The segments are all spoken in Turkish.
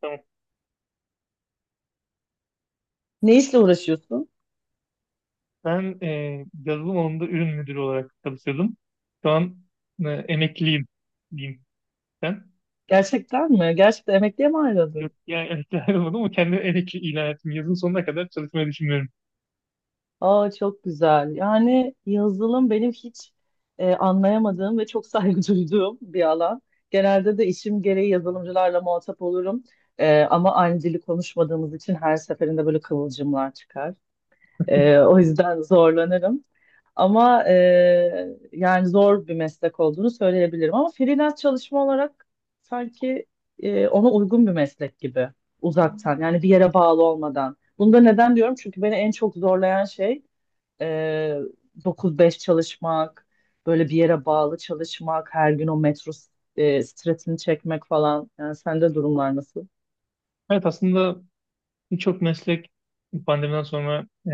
Tamam. Ne işle uğraşıyorsun? Ben yazılım alanında ürün müdürü olarak çalışıyordum. Şu an emekliyim diyeyim sen. Gerçekten mi? Gerçekten emekliye mi ayrıldın? Yok, yani emekli ayrılmadım ama kendimi emekli ilan ettim. Yazın sonuna kadar çalışmayı düşünmüyorum. Aa, çok güzel. Yani yazılım benim hiç anlayamadığım ve çok saygı duyduğum bir alan. Genelde de işim gereği yazılımcılarla muhatap olurum. Ama aynı dili konuşmadığımız için her seferinde böyle kıvılcımlar çıkar. O yüzden zorlanırım. Ama yani zor bir meslek olduğunu söyleyebilirim. Ama freelance çalışma olarak sanki ona uygun bir meslek gibi, uzaktan yani bir yere bağlı olmadan. Bunu da neden diyorum? Çünkü beni en çok zorlayan şey e, 9-5 çalışmak, böyle bir yere bağlı çalışmak, her gün o metro stresini çekmek falan. Yani sende durumlar nasıl? Evet aslında birçok meslek pandemiden sonra e,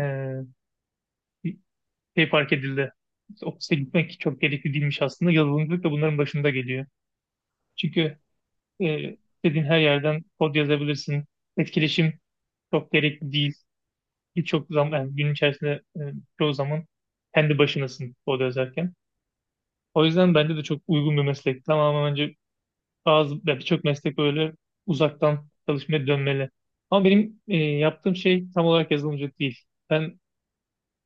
bir şey fark edildi. İşte ofise gitmek çok gerekli değilmiş aslında. Yazılımcılık da bunların başında geliyor. Çünkü e, istediğin her yerden kod yazabilirsin. Etkileşim çok gerekli değil. Birçok zaman yani gün içerisinde çoğu zaman kendi başınasın orada yazarken. O yüzden bence de çok uygun bir meslek. Tamamen bence bazı ya birçok meslek böyle uzaktan çalışmaya dönmeli. Ama benim yaptığım şey tam olarak yazılımcılık değil. Ben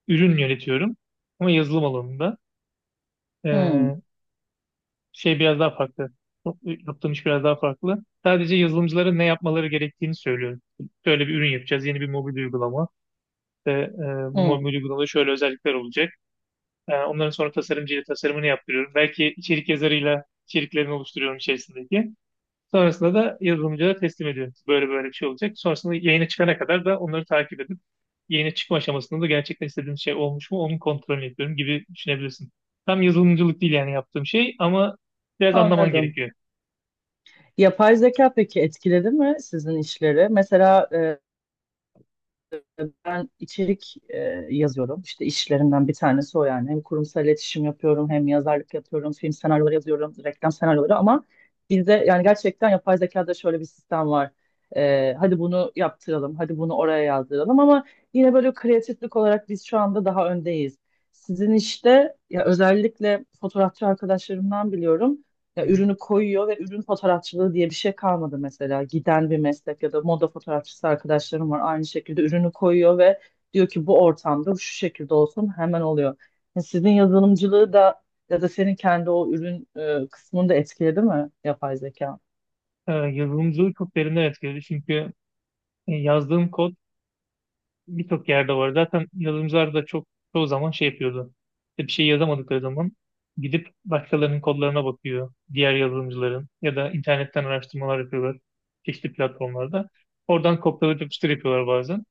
ürün yönetiyorum ama yazılım alanında. E, Hmm, şey biraz daha farklı. Yaptığım iş biraz daha farklı. Sadece yazılımcılara ne yapmaları gerektiğini söylüyorum. Şöyle bir ürün yapacağız, yeni bir mobil uygulama. İşte, e, bu mobil hmm. uygulamada şöyle özellikler olacak. Onların sonra tasarımcıyla tasarımını yaptırıyorum. Belki içerik yazarıyla içeriklerini oluşturuyorum içerisindeki. Sonrasında da yazılımcıya teslim ediyorum. Böyle böyle bir şey olacak. Sonrasında yayına çıkana kadar da onları takip edip yayına çıkma aşamasında da gerçekten istediğim şey olmuş mu onun kontrolünü yapıyorum gibi düşünebilirsin. Tam yazılımcılık değil yani yaptığım şey ama biraz anlaman Anladım. gerekiyor. Yapay zeka peki etkiledi mi sizin işleri? Mesela ben içerik yazıyorum. İşte işlerimden bir tanesi o yani. Hem kurumsal iletişim yapıyorum, hem yazarlık yapıyorum, film senaryoları yazıyorum, reklam senaryoları. Ama bizde yani gerçekten yapay zekada şöyle bir sistem var. Hadi bunu yaptıralım, hadi bunu oraya yazdıralım ama yine böyle kreatiflik olarak biz şu anda daha öndeyiz. Sizin işte, ya, özellikle fotoğrafçı arkadaşlarımdan biliyorum. Ya, Hı hı. ürünü koyuyor ve ürün fotoğrafçılığı diye bir şey kalmadı mesela. Giden bir meslek, ya da moda fotoğrafçısı arkadaşlarım var. Aynı şekilde ürünü koyuyor ve diyor ki bu ortamda şu şekilde olsun, hemen oluyor. Ya sizin yazılımcılığı da, ya da senin kendi o ürün kısmını da etkiledi mi yapay zeka? Yazılımcılık çok derinden etkiledi çünkü yazdığım kod birçok yerde var. Zaten yazılımcılar da çoğu zaman şey yapıyordu. İşte bir şey yazamadıkları zaman gidip başkalarının kodlarına bakıyor. Diğer yazılımcıların ya da internetten araştırmalar yapıyorlar. Çeşitli platformlarda. Oradan kopyalayıp yapıştır yapıyorlar bazen.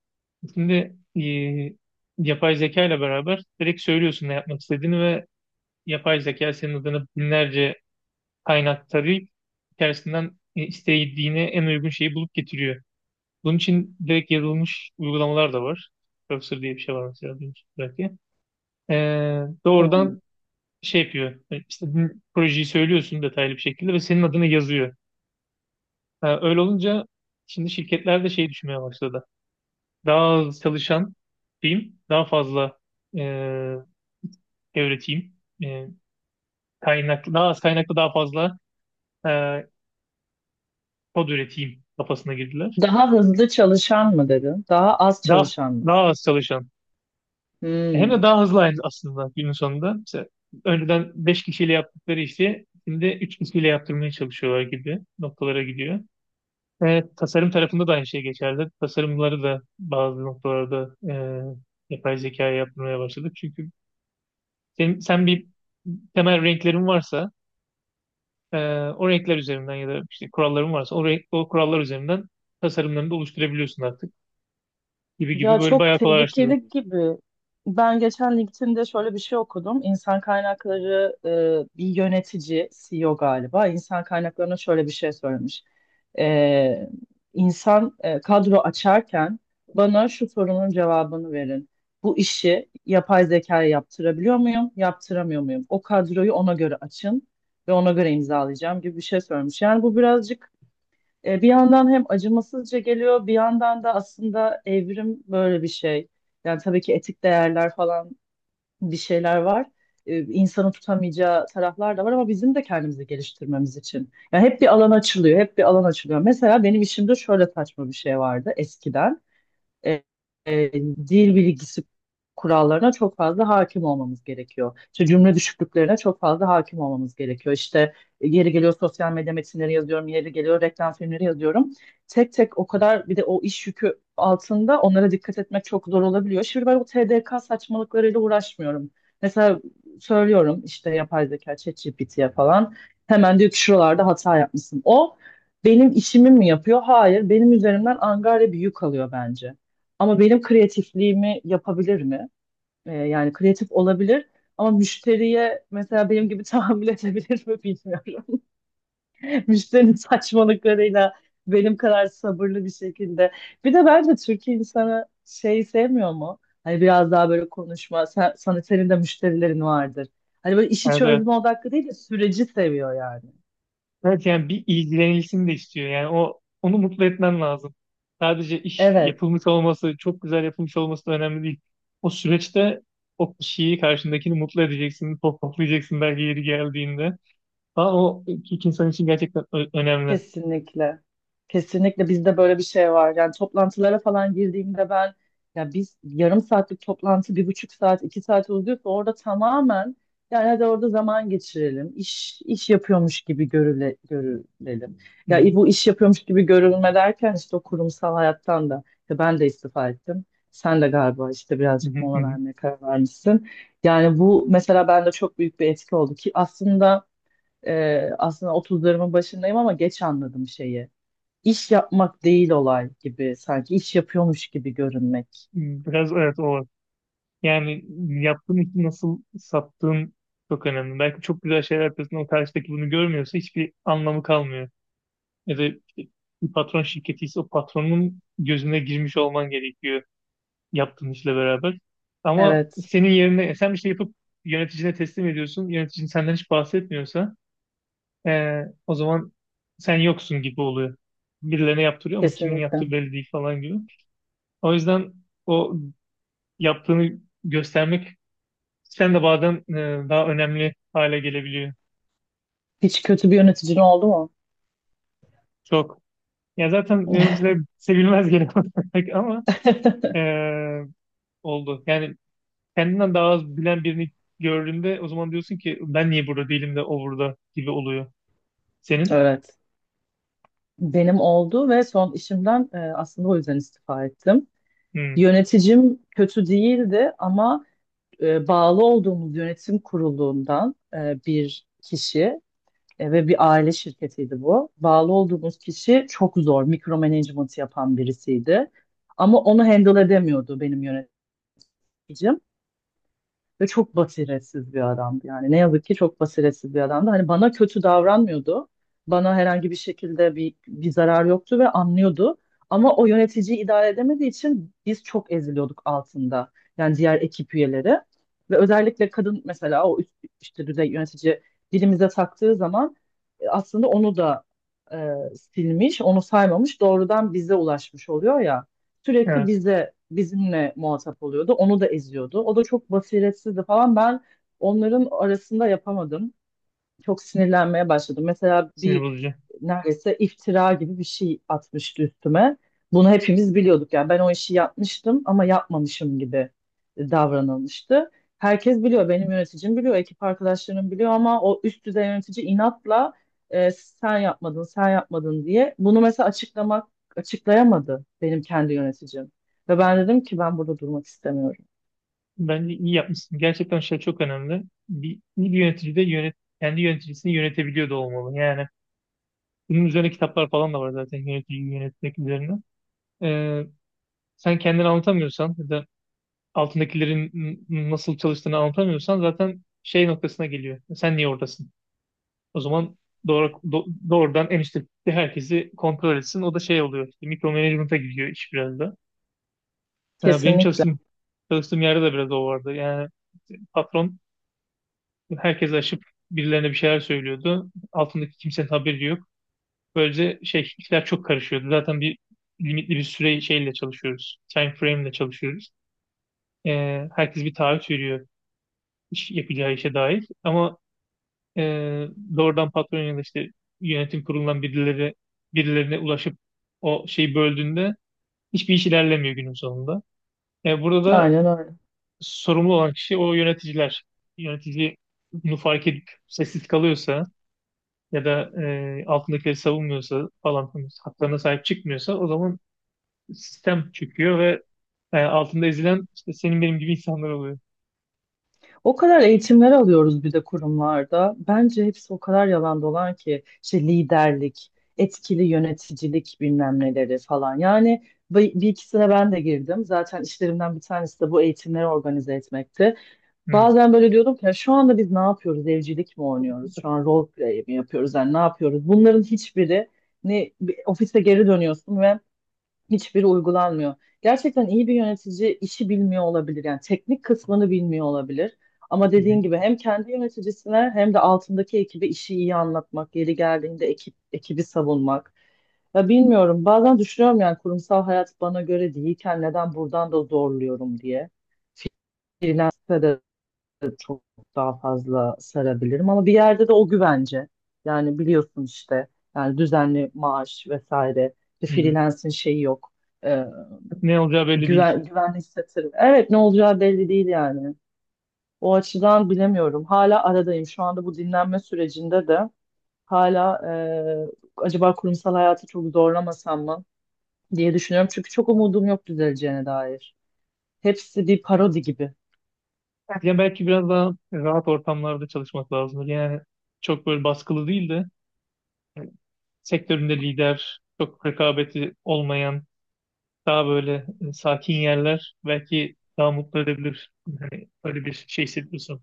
Şimdi yapay zeka ile beraber direkt söylüyorsun ne yapmak istediğini ve yapay zeka senin adına binlerce kaynak tarayıp içerisinden istediğine en uygun şeyi bulup getiriyor. Bunun için direkt yazılmış uygulamalar da var. Cursor diye bir şey var mesela duymuşsunuz belki. Hmm. Doğrudan şey yapıyor. İstediğin projeyi söylüyorsun detaylı bir şekilde ve senin adını yazıyor. Ha, öyle olunca şimdi şirketler de şey düşünmeye başladı. Daha az çalışan diyeyim, daha fazla e, öğreteyim. E, daha az kaynaklı daha fazla e, kod üreteyim kafasına girdiler. Daha hızlı çalışan mı dedin? Daha az Daha, çalışan mı? daha az çalışan. Hem de Hmm. daha hızlı aynı aslında günün sonunda. Mesela önceden 5 kişiyle yaptıkları işi şimdi 3 kişiyle yaptırmaya çalışıyorlar gibi noktalara gidiyor. Ve tasarım tarafında da aynı şey geçerli. Tasarımları da bazı noktalarda yapay zekaya yaptırmaya başladık. Çünkü sen bir temel renklerin varsa e, o renkler üzerinden ya da işte kuralların varsa o kurallar üzerinden tasarımlarını da oluşturabiliyorsun artık gibi gibi Ya böyle çok bayağı kolaylaştırdı. tehlikeli gibi. Ben geçen LinkedIn'de şöyle bir şey okudum. İnsan kaynakları, bir yönetici, CEO galiba, İnsan kaynaklarına şöyle bir şey söylemiş. E, insan kadro açarken bana şu sorunun cevabını verin. Bu işi yapay zekaya yaptırabiliyor muyum? Yaptıramıyor muyum? O kadroyu ona göre açın ve ona göre imzalayacağım gibi bir şey söylemiş. Yani bu birazcık, bir yandan hem acımasızca geliyor, bir yandan da aslında evrim böyle bir şey. Yani tabii ki etik değerler falan, bir şeyler var. E, insanı tutamayacağı taraflar da var ama bizim de kendimizi geliştirmemiz için. Yani hep bir alan açılıyor, hep bir alan açılıyor. Mesela benim işimde şöyle saçma bir şey vardı eskiden. e, e, Dil bilgisi kurallarına çok fazla hakim olmamız gerekiyor. İşte cümle düşüklüklerine çok fazla hakim olmamız gerekiyor. İşte yeri geliyor sosyal medya metinleri yazıyorum, yeri geliyor reklam filmleri yazıyorum. Tek tek o kadar, bir de o iş yükü altında onlara dikkat etmek çok zor olabiliyor. Şimdi ben o TDK saçmalıklarıyla uğraşmıyorum. Mesela söylüyorum işte yapay zeka, ChatGPT'ye falan. Hemen diyor ki şuralarda hata yapmışsın. O benim işimi mi yapıyor? Hayır, benim üzerimden angarya bir yük alıyor bence. Ama benim kreatifliğimi yapabilir mi? Yani kreatif olabilir ama müşteriye mesela benim gibi tahammül edebilir mi bilmiyorum. Müşterinin saçmalıklarıyla benim kadar sabırlı bir şekilde. Bir de bence Türkiye insanı şey sevmiyor mu? Hani biraz daha böyle konuşma. Sen, sana senin de müşterilerin vardır. Hani böyle işi Evet, evet. çözme odaklı değil de süreci seviyor yani. Evet yani bir ilgilenilsin de istiyor. Yani o onu mutlu etmen lazım. Sadece iş Evet. yapılmış olması, çok güzel yapılmış olması da önemli değil. O süreçte o kişiyi, karşındakini mutlu edeceksin, pohpohlayacaksın belki yeri geldiğinde. Daha o iki insan için gerçekten önemli. Kesinlikle. Kesinlikle bizde böyle bir şey var. Yani toplantılara falan girdiğimde ben, ya, biz yarım saatlik toplantı bir buçuk saat, iki saat uzuyorsa orada tamamen, yani hadi orada zaman geçirelim. İş, iş yapıyormuş gibi görülelim. Hı, Ya bu iş yapıyormuş gibi görülme derken, işte o kurumsal hayattan da, ya, ben de istifa ettim. Sen de galiba işte hı, birazcık hı, mola hı. vermeye karar vermişsin. Yani bu mesela bende çok büyük bir etki oldu ki aslında, aslında otuzlarımın başındayım ama geç anladım şeyi. İş yapmak değil, olay gibi, sanki iş yapıyormuş gibi görünmek. Biraz evet o var. Yani yaptığın işi nasıl sattığın çok önemli. Belki çok güzel şeyler yapıyorsun, o karşıdaki bunu görmüyorsa hiçbir anlamı kalmıyor. Ya da bir patron şirketi ise o patronun gözüne girmiş olman gerekiyor yaptığın işle beraber. Ama Evet, senin yerine sen bir şey yapıp yöneticine teslim ediyorsun. Yöneticin senden hiç bahsetmiyorsa o zaman sen yoksun gibi oluyor. Birilerine yaptırıyor ama kimin kesinlikle. yaptığı belli değil falan gibi. O yüzden o yaptığını göstermek sen de bazen daha önemli hale gelebiliyor. Hiç kötü bir yöneticin oldu mu? Çok. Ya zaten yöneticiler sevilmez genel olarak ama eee, oldu. Yani kendinden daha az bilen birini gördüğünde o zaman diyorsun ki ben niye burada değilim de o burada gibi oluyor. Senin? Evet. Benim oldu ve son işimden, aslında o yüzden istifa ettim. Hmm, Yöneticim kötü değildi ama bağlı olduğumuz yönetim kurulundan bir kişi. Ve bir aile şirketiydi bu. Bağlı olduğumuz kişi çok zor, mikromanagement yapan birisiydi. Ama onu handle edemiyordu benim yöneticim. Ve çok basiretsiz bir adamdı yani. Ne yazık ki çok basiretsiz bir adamdı. Hani bana kötü davranmıyordu. Bana herhangi bir şekilde bir zarar yoktu ve anlıyordu. Ama o yöneticiyi idare edemediği için biz çok eziliyorduk altında. Yani diğer ekip üyeleri. Ve özellikle kadın, mesela o üst, işte düzey yönetici dilimize taktığı zaman, aslında onu da e, silmiş, onu saymamış, doğrudan bize ulaşmış oluyor ya, sürekli evet bize, bizimle muhatap oluyordu. Onu da eziyordu. O da çok basiretsizdi falan. Ben onların arasında yapamadım. Çok sinirlenmeye başladım. Mesela sinir bir bozucu. neredeyse iftira gibi bir şey atmıştı üstüme. Bunu hepimiz biliyorduk yani, ben o işi yapmıştım ama yapmamışım gibi davranılmıştı. Herkes biliyor, benim yöneticim biliyor, ekip arkadaşlarım biliyor ama o üst düzey yönetici inatla sen yapmadın, sen yapmadın diye, bunu mesela açıklayamadı benim kendi yöneticim. Ve ben dedim ki ben burada durmak istemiyorum. Bence iyi yapmışsın. Gerçekten şey çok önemli. Bir, bir yönetici de yönet, kendi yöneticisini yönetebiliyor da olmalı. Yani bunun üzerine kitaplar falan da var zaten yöneticiyi yönetmek üzerine. Ee, sen kendini anlatamıyorsan ya da altındakilerin nasıl çalıştığını anlatamıyorsan zaten şey noktasına geliyor. Sen niye oradasın? O zaman doğrudan en üstteki herkesi kontrol etsin. O da şey oluyor. Işte, mikro management'a giriyor iş biraz da. Yani benim Kesinlikle. Çalıştığım yerde de biraz o vardı. Yani patron herkesi aşıp birilerine bir şeyler söylüyordu. Altındaki kimsenin haberi yok. Böylece şey işler çok karışıyordu. Zaten bir limitli bir süre şeyle çalışıyoruz. Time frame ile çalışıyoruz. Herkes bir taahhüt veriyor yapacağı işe dair. Ama e, doğrudan patron ya da işte yönetim kurulundan birileri birilerine ulaşıp o şeyi böldüğünde hiçbir iş ilerlemiyor günün sonunda. Burada da Aynen öyle. sorumlu olan kişi o yöneticiler. Yönetici bunu fark edip sessiz kalıyorsa ya da altındakileri savunmuyorsa falan filan, haklarına sahip çıkmıyorsa o zaman sistem çöküyor ve altında ezilen işte senin benim gibi insanlar oluyor. O kadar eğitimler alıyoruz bir de kurumlarda. Bence hepsi o kadar yalan dolan ki, işte liderlik, etkili yöneticilik bilmem neleri falan. Yani bir ikisine ben de girdim. Zaten işlerimden bir tanesi de bu eğitimleri organize etmekti. Hı, Bazen böyle diyordum ki: "Ya, şu anda biz ne yapıyoruz? Evcilik mi oynuyoruz? Şu an role play mi yapıyoruz? Yani ne yapıyoruz?" Bunların hiçbiri, ne bir ofise geri dönüyorsun ve, hiçbiri uygulanmıyor. Gerçekten iyi bir yönetici işi bilmiyor olabilir. Yani teknik kısmını bilmiyor olabilir. Ama hı, dediğin gibi hem kendi yöneticisine hem de altındaki ekibe işi iyi anlatmak, yeri geldiğinde ekibi savunmak. Ya bilmiyorum. Bazen düşünüyorum, yani kurumsal hayat bana göre değilken neden buradan da zorluyorum diye. Freelance'de de çok daha fazla sarabilirim ama bir yerde de o güvence. Yani biliyorsun işte, yani düzenli maaş vesaire bir hı. Hı. freelance'in şeyi yok. Ee, Ne olacağı belli değil. Güvenli hissettirir. Evet, ne olacağı belli değil yani. O açıdan bilemiyorum. Hala aradayım. Şu anda bu dinlenme sürecinde de hala acaba kurumsal hayatı çok zorlamasam mı diye düşünüyorum. Çünkü çok umudum yok düzeleceğine dair. Hepsi bir parodi gibi. Yani belki biraz daha rahat ortamlarda çalışmak lazımdır. Yani çok böyle baskılı değil de yani sektöründe lider, çok rekabeti olmayan, daha böyle sakin yerler belki daha mutlu edebilir. Hani öyle bir şey hissediyorsun.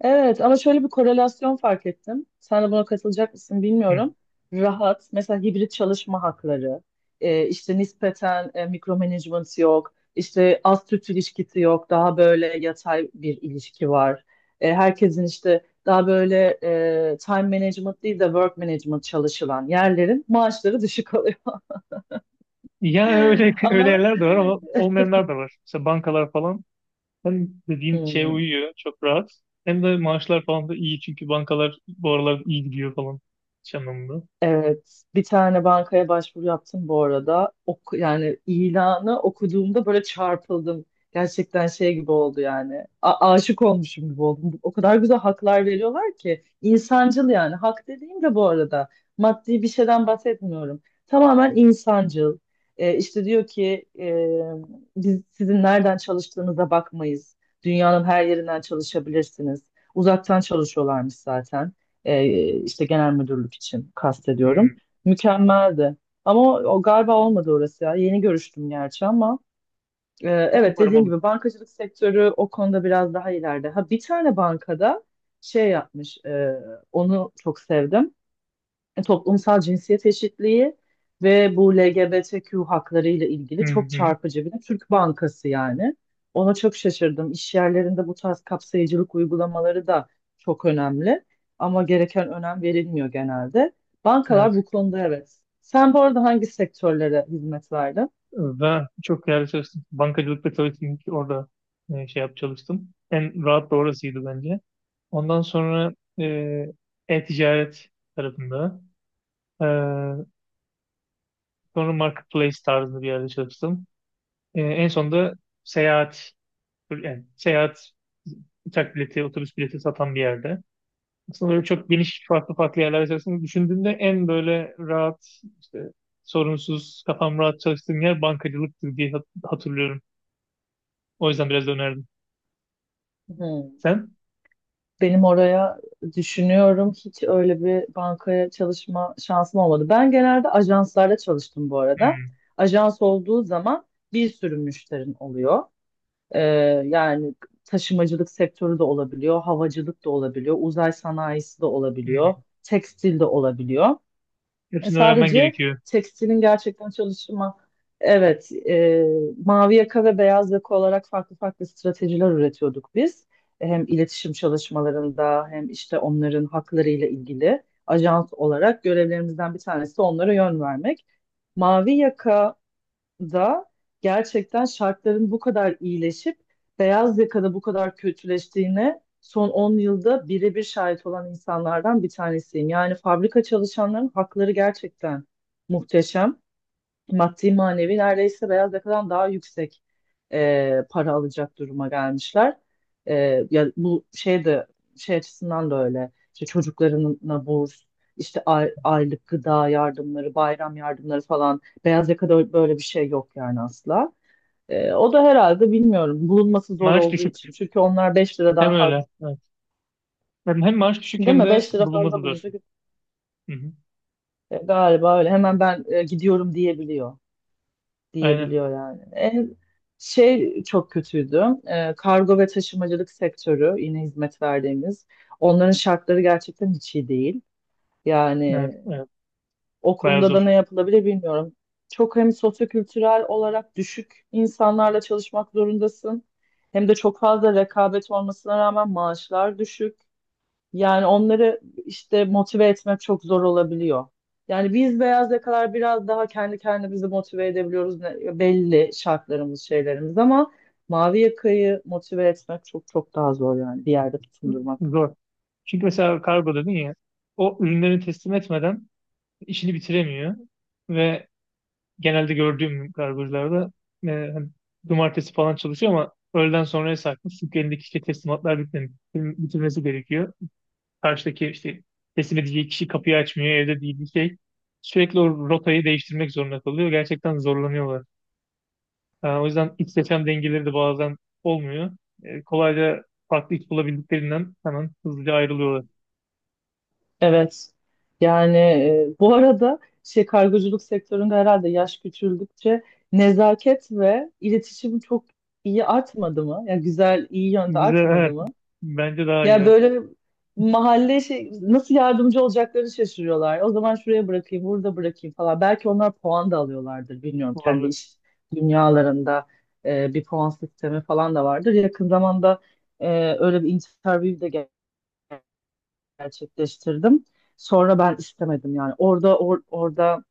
Evet ama şöyle bir korelasyon fark ettim. Sen de buna katılacak mısın Hı. bilmiyorum. Rahat, mesela hibrit çalışma hakları, işte nispeten mikromanagement yok, işte az süt ilişkisi yok, daha böyle yatay bir ilişki var. Herkesin işte daha böyle time management değil de work management çalışılan yerlerin maaşları düşük oluyor. Yani öyle öyle Ama yerler de var ama olmayanlar da var. Mesela bankalar falan hem dediğin şeye Hmm. uyuyor, çok rahat. Hem de maaşlar falan da iyi çünkü bankalar bu aralar iyi gidiyor falan iş anlamında. Evet, bir tane bankaya başvuru yaptım bu arada. Oku, yani ilanı okuduğumda böyle çarpıldım. Gerçekten şey gibi oldu yani. Aşık olmuşum gibi oldum. O kadar güzel haklar veriyorlar ki. İnsancıl yani. Hak dediğim de bu arada, maddi bir şeyden bahsetmiyorum. Tamamen insancıl. E, işte diyor ki biz sizin nereden çalıştığınıza bakmayız. Dünyanın her yerinden çalışabilirsiniz. Uzaktan çalışıyorlarmış zaten, işte genel müdürlük için kastediyorum. Hı. Mükemmeldi. Ama o, o galiba olmadı orası ya. Yeni görüştüm gerçi ama, evet, Umarım dediğin olur. gibi bankacılık sektörü o konuda biraz daha ileride. Ha, bir tane bankada şey yapmış. Onu çok sevdim: toplumsal cinsiyet eşitliği ve bu LGBTQ hakları ile Hı ilgili çok hı. çarpıcı, bir de Türk Bankası yani. Ona çok şaşırdım. İş yerlerinde bu tarz kapsayıcılık uygulamaları da çok önemli ama gereken önem verilmiyor genelde. Yani Bankalar bu konuda evet. Sen bu arada hangi sektörlere hizmet verdin? ve çok değerli çalıştım. Bankacılıkta çalıştım. Ki orada şey yap çalıştım. En rahat da orasıydı bence. Ondan sonra e, e-ticaret tarafında. E, sonra marketplace tarzında bir yerde çalıştım. E, en sonunda seyahat, yani seyahat uçak bileti, otobüs bileti satan bir yerde. Aslında böyle çok geniş farklı farklı yerlerde çalıştım. Düşündüğümde en böyle rahat, işte sorunsuz, kafam rahat çalıştığım yer bankacılıktı diye hatırlıyorum. O yüzden biraz da önerdim. Hı. Sen? Benim oraya düşünüyorum, hiç öyle bir bankaya çalışma şansım olmadı. Ben genelde ajanslarda çalıştım bu arada. Hmm, Ajans olduğu zaman bir sürü müşterin oluyor. Ee, yani taşımacılık sektörü de olabiliyor, havacılık da olabiliyor, uzay sanayisi de olabiliyor, hmm. tekstil de olabiliyor. Hepsini öğrenmen Sadece gerekiyor. tekstilin gerçekten çalışma, evet, mavi yaka ve beyaz yaka olarak farklı farklı stratejiler üretiyorduk biz. Hem iletişim çalışmalarında hem işte onların haklarıyla ilgili ajans olarak görevlerimizden bir tanesi onlara yön vermek. Mavi yaka da gerçekten şartların bu kadar iyileşip beyaz yakada bu kadar kötüleştiğine son 10 yılda birebir şahit olan insanlardan bir tanesiyim. Yani fabrika çalışanların hakları gerçekten muhteşem, maddi manevi neredeyse beyaz yakadan daha yüksek para alacak duruma gelmişler. E, ya bu şey de, şey açısından da öyle. İşte çocuklarına burs, işte aylık gıda yardımları, bayram yardımları falan, beyaz yakada böyle bir şey yok yani, asla. O da herhalde bilmiyorum, bulunması zor Maaş olduğu için. düşük. Çünkü onlar 5 lira Hem daha fazla, öyle. Evet. Hem, hem maaş düşük değil hem mi? de 5 lira bulunması fazla zor. bulunca Hı hı. Galiba öyle, hemen ben gidiyorum diyebiliyor. Aynen. diyebiliyor yani. En şey çok kötüydü. Kargo ve taşımacılık sektörü, yine hizmet verdiğimiz. Onların şartları gerçekten hiç iyi değil. Evet, Yani evet. o Bayağı konuda da zor. ne yapılabilir bilmiyorum. Çok hem sosyokültürel olarak düşük insanlarla çalışmak zorundasın. Hem de çok fazla rekabet olmasına rağmen maaşlar düşük. Yani onları işte motive etmek çok zor olabiliyor. Yani biz beyaz yakalar biraz daha kendi kendimizi motive edebiliyoruz, belli şartlarımız, şeylerimiz ama mavi yakayı motive etmek çok çok daha zor, yani bir yerde tutundurmak. Zor. Çünkü mesela kargo dedin ya, o ürünleri teslim etmeden işini bitiremiyor. Ve genelde gördüğüm kargocularda e, hani cumartesi falan çalışıyor ama öğleden sonraya sarkmış. Çünkü elindeki işte teslimatlar bitirmesi gerekiyor. Karşıdaki işte teslim edeceği kişi kapıyı açmıyor, evde değil bir şey. Sürekli o rotayı değiştirmek zorunda kalıyor. Gerçekten zorlanıyorlar. Ha, o yüzden iç seçen dengeleri de bazen olmuyor. Kolayca farklı iş bulabildiklerinden hemen hızlıca ayrılıyorlar. Evet. Yani bu arada şey, kargoculuk sektöründe herhalde yaş küçüldükçe nezaket ve iletişim çok iyi artmadı mı? Yani güzel, iyi yönde Güzel, evet. artmadı mı? Bence daha iyi. Ya Evet. böyle mahalle şey, nasıl yardımcı olacaklarını şaşırıyorlar. O zaman şuraya bırakayım, burada bırakayım falan. Belki onlar puan da alıyorlardır bilmiyorum. Kendi Olabilir. iş dünyalarında bir puan sistemi falan da vardır. Yakın zamanda e, öyle bir interview de gerçekleştirdim. Sonra ben istemedim yani. Orada, orada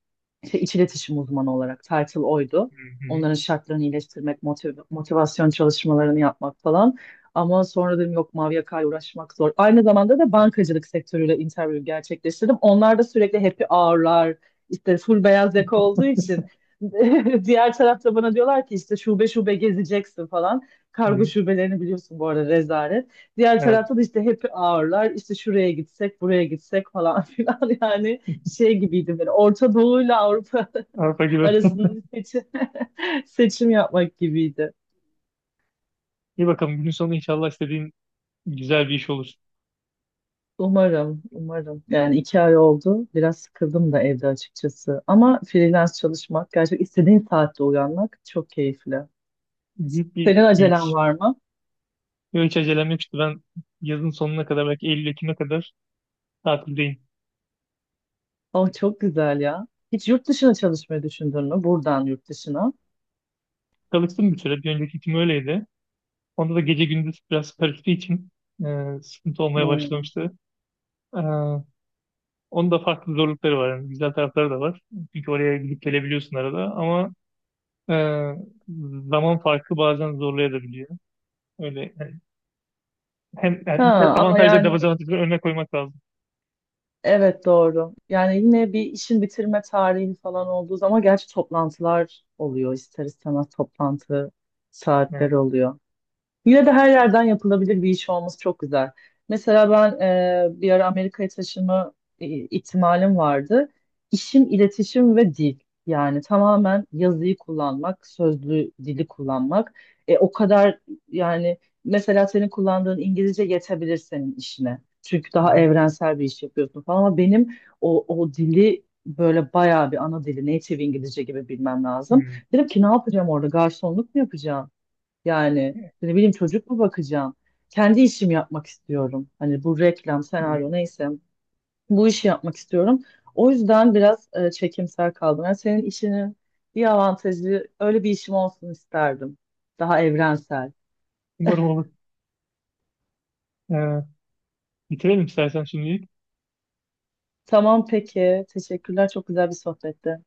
işte iç iletişim uzmanı olarak title oydu. Hı hı, Onların şartlarını iyileştirmek, motivasyon çalışmalarını yapmak falan. Ama sonra dedim yok, mavi yakayla uğraşmak zor. Aynı zamanda da bankacılık sektörüyle interview gerçekleştirdim. Onlar da sürekli happy hour'lar, işte full beyaz yaka olduğu için diğer tarafta bana diyorlar ki işte şube şube gezeceksin falan. Kargo hı. şubelerini biliyorsun bu arada, rezalet. Diğer Evet. tarafta da işte happy hour'lar, işte şuraya gitsek, buraya gitsek falan filan yani, şey gibiydi, böyle Orta Doğu ile Avrupa Avrupa gibi. arasında bir seçim, seçim yapmak gibiydi. İyi bakalım. Günün sonu inşallah istediğin güzel bir iş olur. Umarım, umarım. Yani 2 ay oldu. Biraz sıkıldım da evde açıkçası. Ama freelance çalışmak, gerçekten istediğin saatte uyanmak çok keyifli. Büyük bir Senin acelen lüks. var mı? Yok, hiç acelem yok işte. Ben yazın sonuna kadar belki Eylül-Ekim'e kadar tatildeyim. Oh, çok güzel ya. Hiç yurt dışına çalışmayı düşündün mü? Buradan yurt dışına. Çalıştım bir süre. Bir önceki işim öyleydi. Onda da gece gündüz biraz karıştığı için sıkıntı olmaya Hmm. başlamıştı. E, onun da farklı zorlukları var. Yani güzel tarafları da var. Çünkü oraya gidip gelebiliyorsun arada ama e, zaman farkı bazen zorlayabiliyor. Öyle yani hem yani Ha, ama avantajları yani, dezavantajları önüne koymak lazım. evet doğru. Yani yine bir işin bitirme tarihi falan olduğu zaman gerçi toplantılar oluyor, ister istemez toplantı Evet. saatleri oluyor. Yine de her yerden yapılabilir bir iş olması çok güzel. Mesela ben bir ara Amerika'ya taşınma ihtimalim vardı. İşim iletişim ve dil. Yani tamamen yazıyı kullanmak, sözlü dili kullanmak. O kadar, yani mesela senin kullandığın İngilizce yetebilir senin işine. Çünkü Hı daha hı. evrensel bir iş yapıyorsun falan ama benim o, o dili böyle bayağı bir ana dili, native İngilizce gibi bilmem lazım. Hı Dedim ki, ne yapacağım orada? Garsonluk mu yapacağım? Yani ne bileyim, çocuk mu bakacağım? Kendi işimi yapmak istiyorum. Hani bu reklam, hı. senaryo, neyse bu işi yapmak istiyorum. O yüzden biraz çekimser kaldım. Yani senin işinin bir avantajı, öyle bir işim olsun isterdim. Daha evrensel. Umarım olur. E, bitirelim istersen şimdilik. Tamam peki. Teşekkürler. Çok güzel bir sohbetti.